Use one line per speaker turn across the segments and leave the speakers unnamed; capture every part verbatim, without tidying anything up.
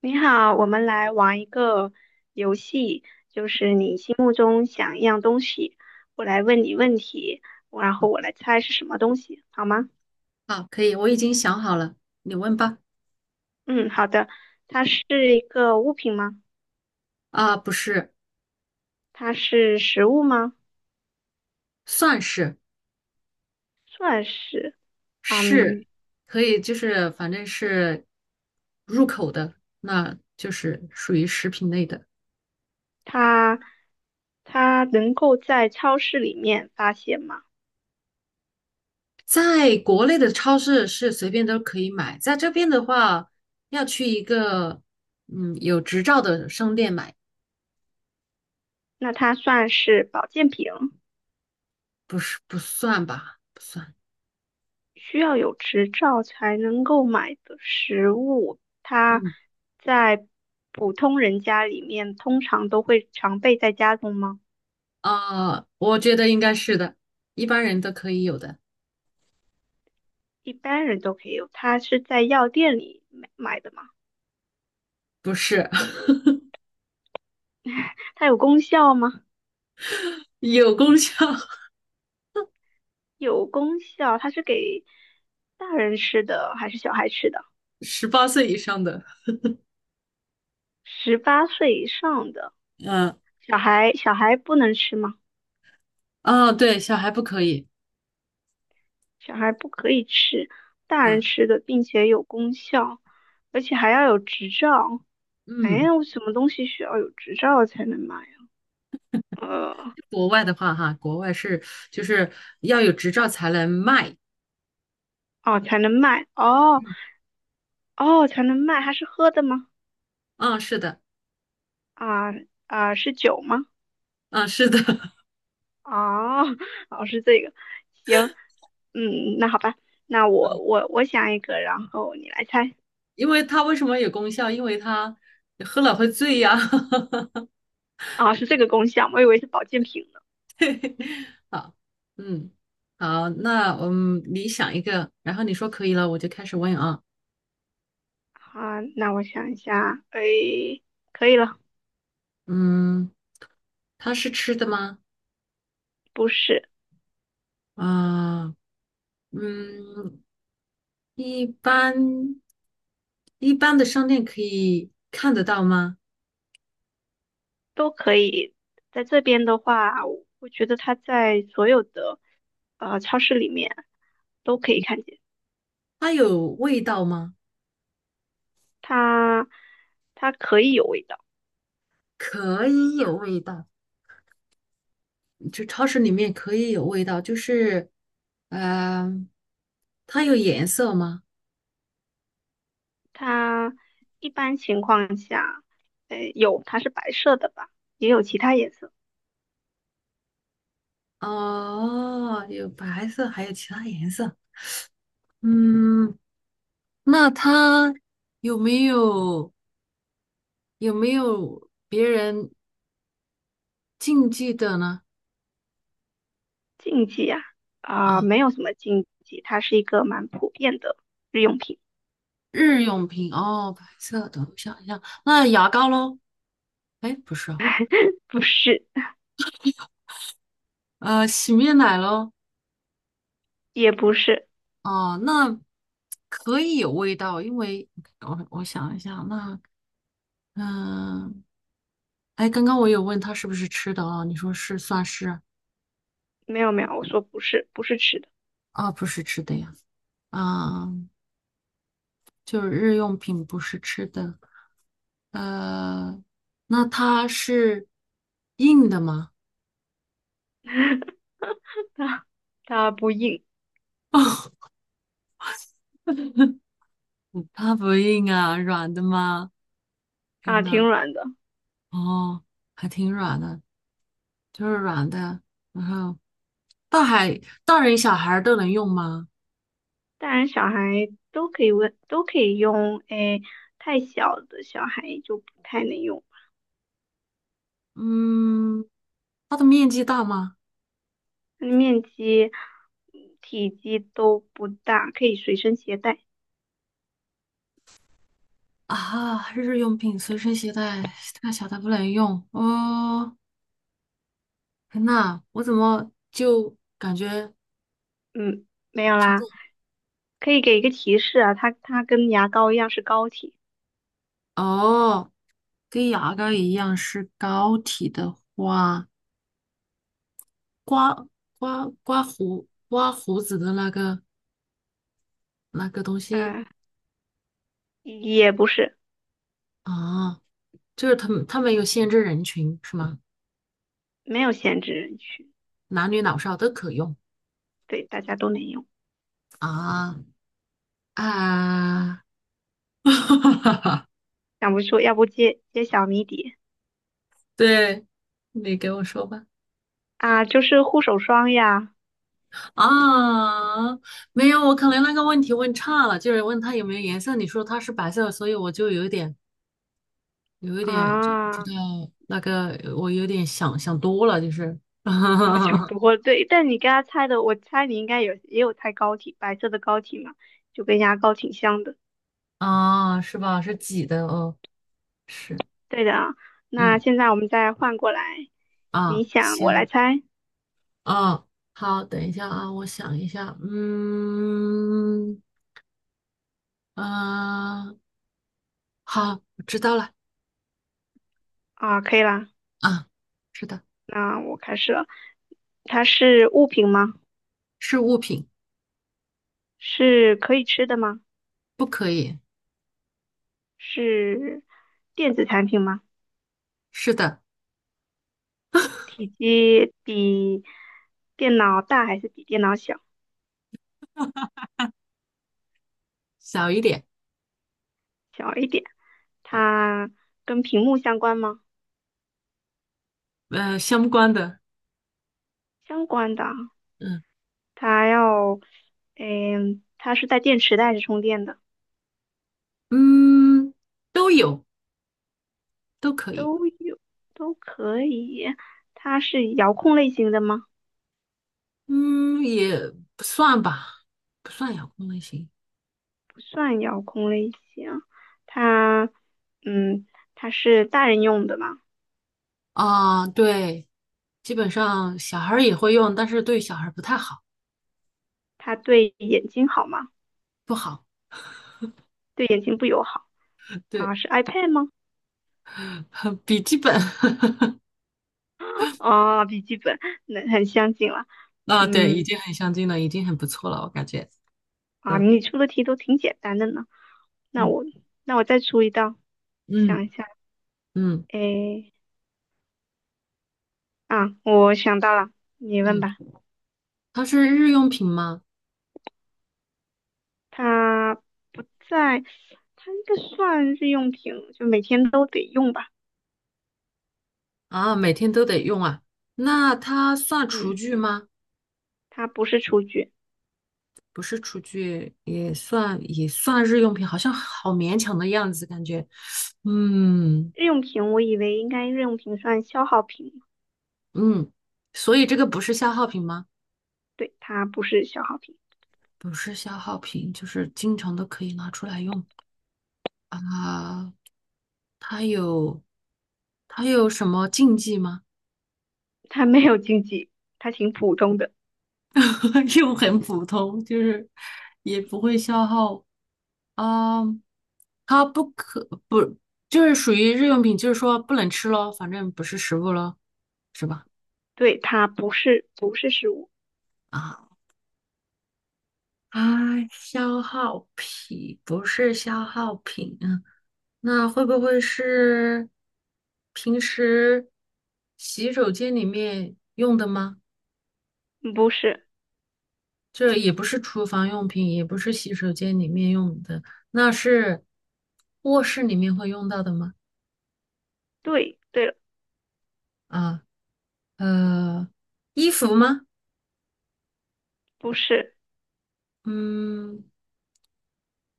你好，我们来玩一个游戏，中想一样东西，我来问你问题，然后我来猜是什么东西，好吗？
好，可以，我已经想好了，你问吧。
嗯，好的。它是一个物品吗？
啊，不是，
它是食物吗？
算是
算是。
是，
嗯，
可以，就是反正是入口的，那就是属于食品类的。
它它能够在超市里面发现吗？
在国内的超市是随便都可以买，在这边的话，要去一个嗯有执照的商店买，
那它算是保健品？
不是不算吧，不算。
需要有执照才能购买的食物，它
嗯。
在普通人家里面通常都会常备在家中吗？
啊，我觉得应该是的，一般人都可以有的，
一般人都可以有，它是在药店里买买的吗？
不是
它有功效吗？
有功效，
有功效，它是给大人吃的还是小孩吃的？
十八岁以上的。
十八岁以上的
嗯。
小孩，小孩不能吃吗？
哦，对，小孩不可以。
小孩不可以吃大人
嗯。
吃的，并且有功效，而且还要有执照。
嗯，
哎，我什么东西需要有执照才能卖呀？呃，
国外的话哈，国外是就是要有执照才能卖。
哦，才能卖，哦哦，才能卖，它是喝的吗？
嗯，是的。
啊啊，是酒吗？
嗯，是的。
哦，哦，是这个，行，嗯，那好吧，那我我我想一个，然后你来猜。
因为它为什么有功效？因为它喝了会醉呀。
啊，是这个功效，我以为是保健品呢。
对，好，嗯，好，那嗯，你想一个，然后你说可以了，我就开始问啊。
啊，那我想一下，哎，可以了，
嗯，它是吃的吗？
不是。
啊，嗯，一般一般的商店可以看得到吗？
都可以。在这边的话，我我觉得它在所有的呃超市里面都可以看见，
它有味道吗？
它它可以有味道，
可以有味道，就超市里面可以有味道，就是，嗯、它有颜色吗？
它一般情况下，呃，有它是白色的吧，也有其他颜色。
哦，有白色，还有其他颜色。嗯，那它有没有有没有别人禁忌的呢？
禁忌啊啊、
啊，
没有什么禁忌，它是一个蛮普遍的日用品，
日用品哦，白色的，我想一下，那牙膏喽？哎，不是啊。
不是
呃，洗面奶喽？
也不是，
哦，那可以有味道，因为我我想一下，那嗯，哎，刚刚我有问他是不是吃的啊？你说是算是。
没有没有，我说不是不是吃的，
啊，不是吃的呀，啊，就是日用品不是吃的。呃，那它是硬的吗？
它它不硬
它不硬啊，软的吗？天
啊，挺
呐，
软的。
哦，还挺软的，就是软的，然后大海大人小孩儿都能用吗？
大人小孩都可以问，都可以用。哎，太小的小孩就不太能用，
嗯。它的面积大吗？
它的面积、嗯体积都不大，可以随身携带。
啊，日用品随身携带，太小它不能用。哦，天呐，我怎么就感觉
嗯，没有
这
啦，
种
可以给一个提示啊，它它跟牙膏一样是膏体，
哦，跟牙膏一样是膏体的话，刮刮刮胡刮胡子的那个那个东西
嗯、也不是，
啊，就是他们他们有限制人群是吗？
没有限制人群，
男女老少都可用
对，大家都能用。
啊。啊，
想不出，要不揭揭晓谜底
对，你给我说吧。
啊，就是护手霜呀，
啊，没有，我可能那个问题问差了，就是问它有没有颜色，你说它是白色，所以我就有一点，有一点就不知
啊。
道那个，我有点想想多了，就是，
好像不 过对，但你刚才猜的，我猜你应该有也有猜膏体，白色的膏体嘛，就跟牙膏挺像的。
啊，是吧？是挤的哦，是。
对的啊，那
嗯，
现在我们再换过来，你
啊，
想我来
行，
猜
啊，好，等一下啊，我想一下，嗯，啊，好，我知道了，
啊，可以啦，
啊，是的，
那我开始了。它是物品吗？
是物品，
是可以吃的吗？
不可以，
是电子产品吗？
是的，
体积比电脑大还是比电脑小？
小一点。
小一点。它跟屏幕相关吗？
呃，相关的。
相关的啊。
嗯。
它要，嗯，它是在电池袋是充电的，
嗯，都有，都可以。
都有，都可以。它是遥控类型的吗？
嗯，也不算吧，不算遥控类型。
不算遥控类型，它，嗯，它是大人用的嘛？
啊，对，基本上小孩儿也会用，但是对小孩儿不太好，
它对眼睛好吗？
不好，
对眼睛不友好啊？
对，
是 iPad 吗？
笔记本。
哦，笔记本，那很相近了。
啊，对，已
嗯，
经很相近了，已经很不错了，我感觉。
啊，
嗯。
你出的题都挺简单的呢。那
嗯。
我，那我再出一道，
嗯。
想一下，
嗯。
诶。啊，我想到了，你问
嗯，
吧。
它是日用品吗？
它不在，它应该算日用品，就每天都得用吧。
啊，每天都得用啊，那它算厨
嗯，
具吗？
它不是厨具，
不是厨具，也算也算日用品，好像好勉强的样子，感觉。嗯。
日用品我以为应该日用品算消耗品，
嗯，所以这个不是消耗品吗？
对，它不是消耗品，
不是消耗品，就是经常都可以拿出来用啊。它有它有什么禁忌吗？
它没有经济，它挺普通的。
又很普通，就是也不会消耗啊。它不可不就是属于日用品，就是说不能吃咯，反正不是食物咯，是吧？
对，它不是不是食物，
啊。啊，消耗品不是消耗品啊，那会不会是平时洗手间里面用的吗？
不是。
这也不是厨房用品，也不是洗手间里面用的，那是卧室里面会用到的吗？
对，对了，
啊，呃，衣服吗？
不是，
嗯，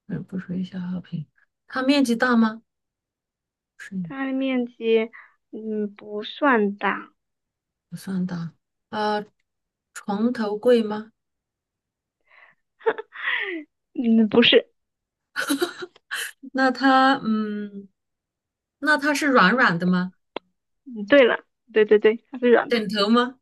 呃不属于消耗品。它面积大吗？是，
它的面积嗯不算大，
不算大。呃，床头柜吗？
嗯不是。
那它，嗯，那它是软软的吗？
嗯对了，对对对，它是软的
枕头吗？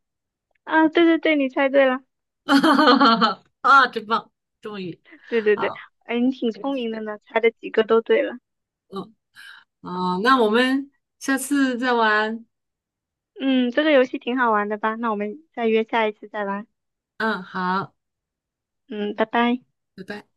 啊，对对对，你猜对了。
啊，真棒，终于，
对对对，
好，
哎，你挺聪明的呢，猜的几个都对了。
嗯，哦，那我们下次再玩。
嗯，这个游戏挺好玩的吧？那我们再约下一次再玩。
嗯，好，
嗯，拜拜。
拜拜。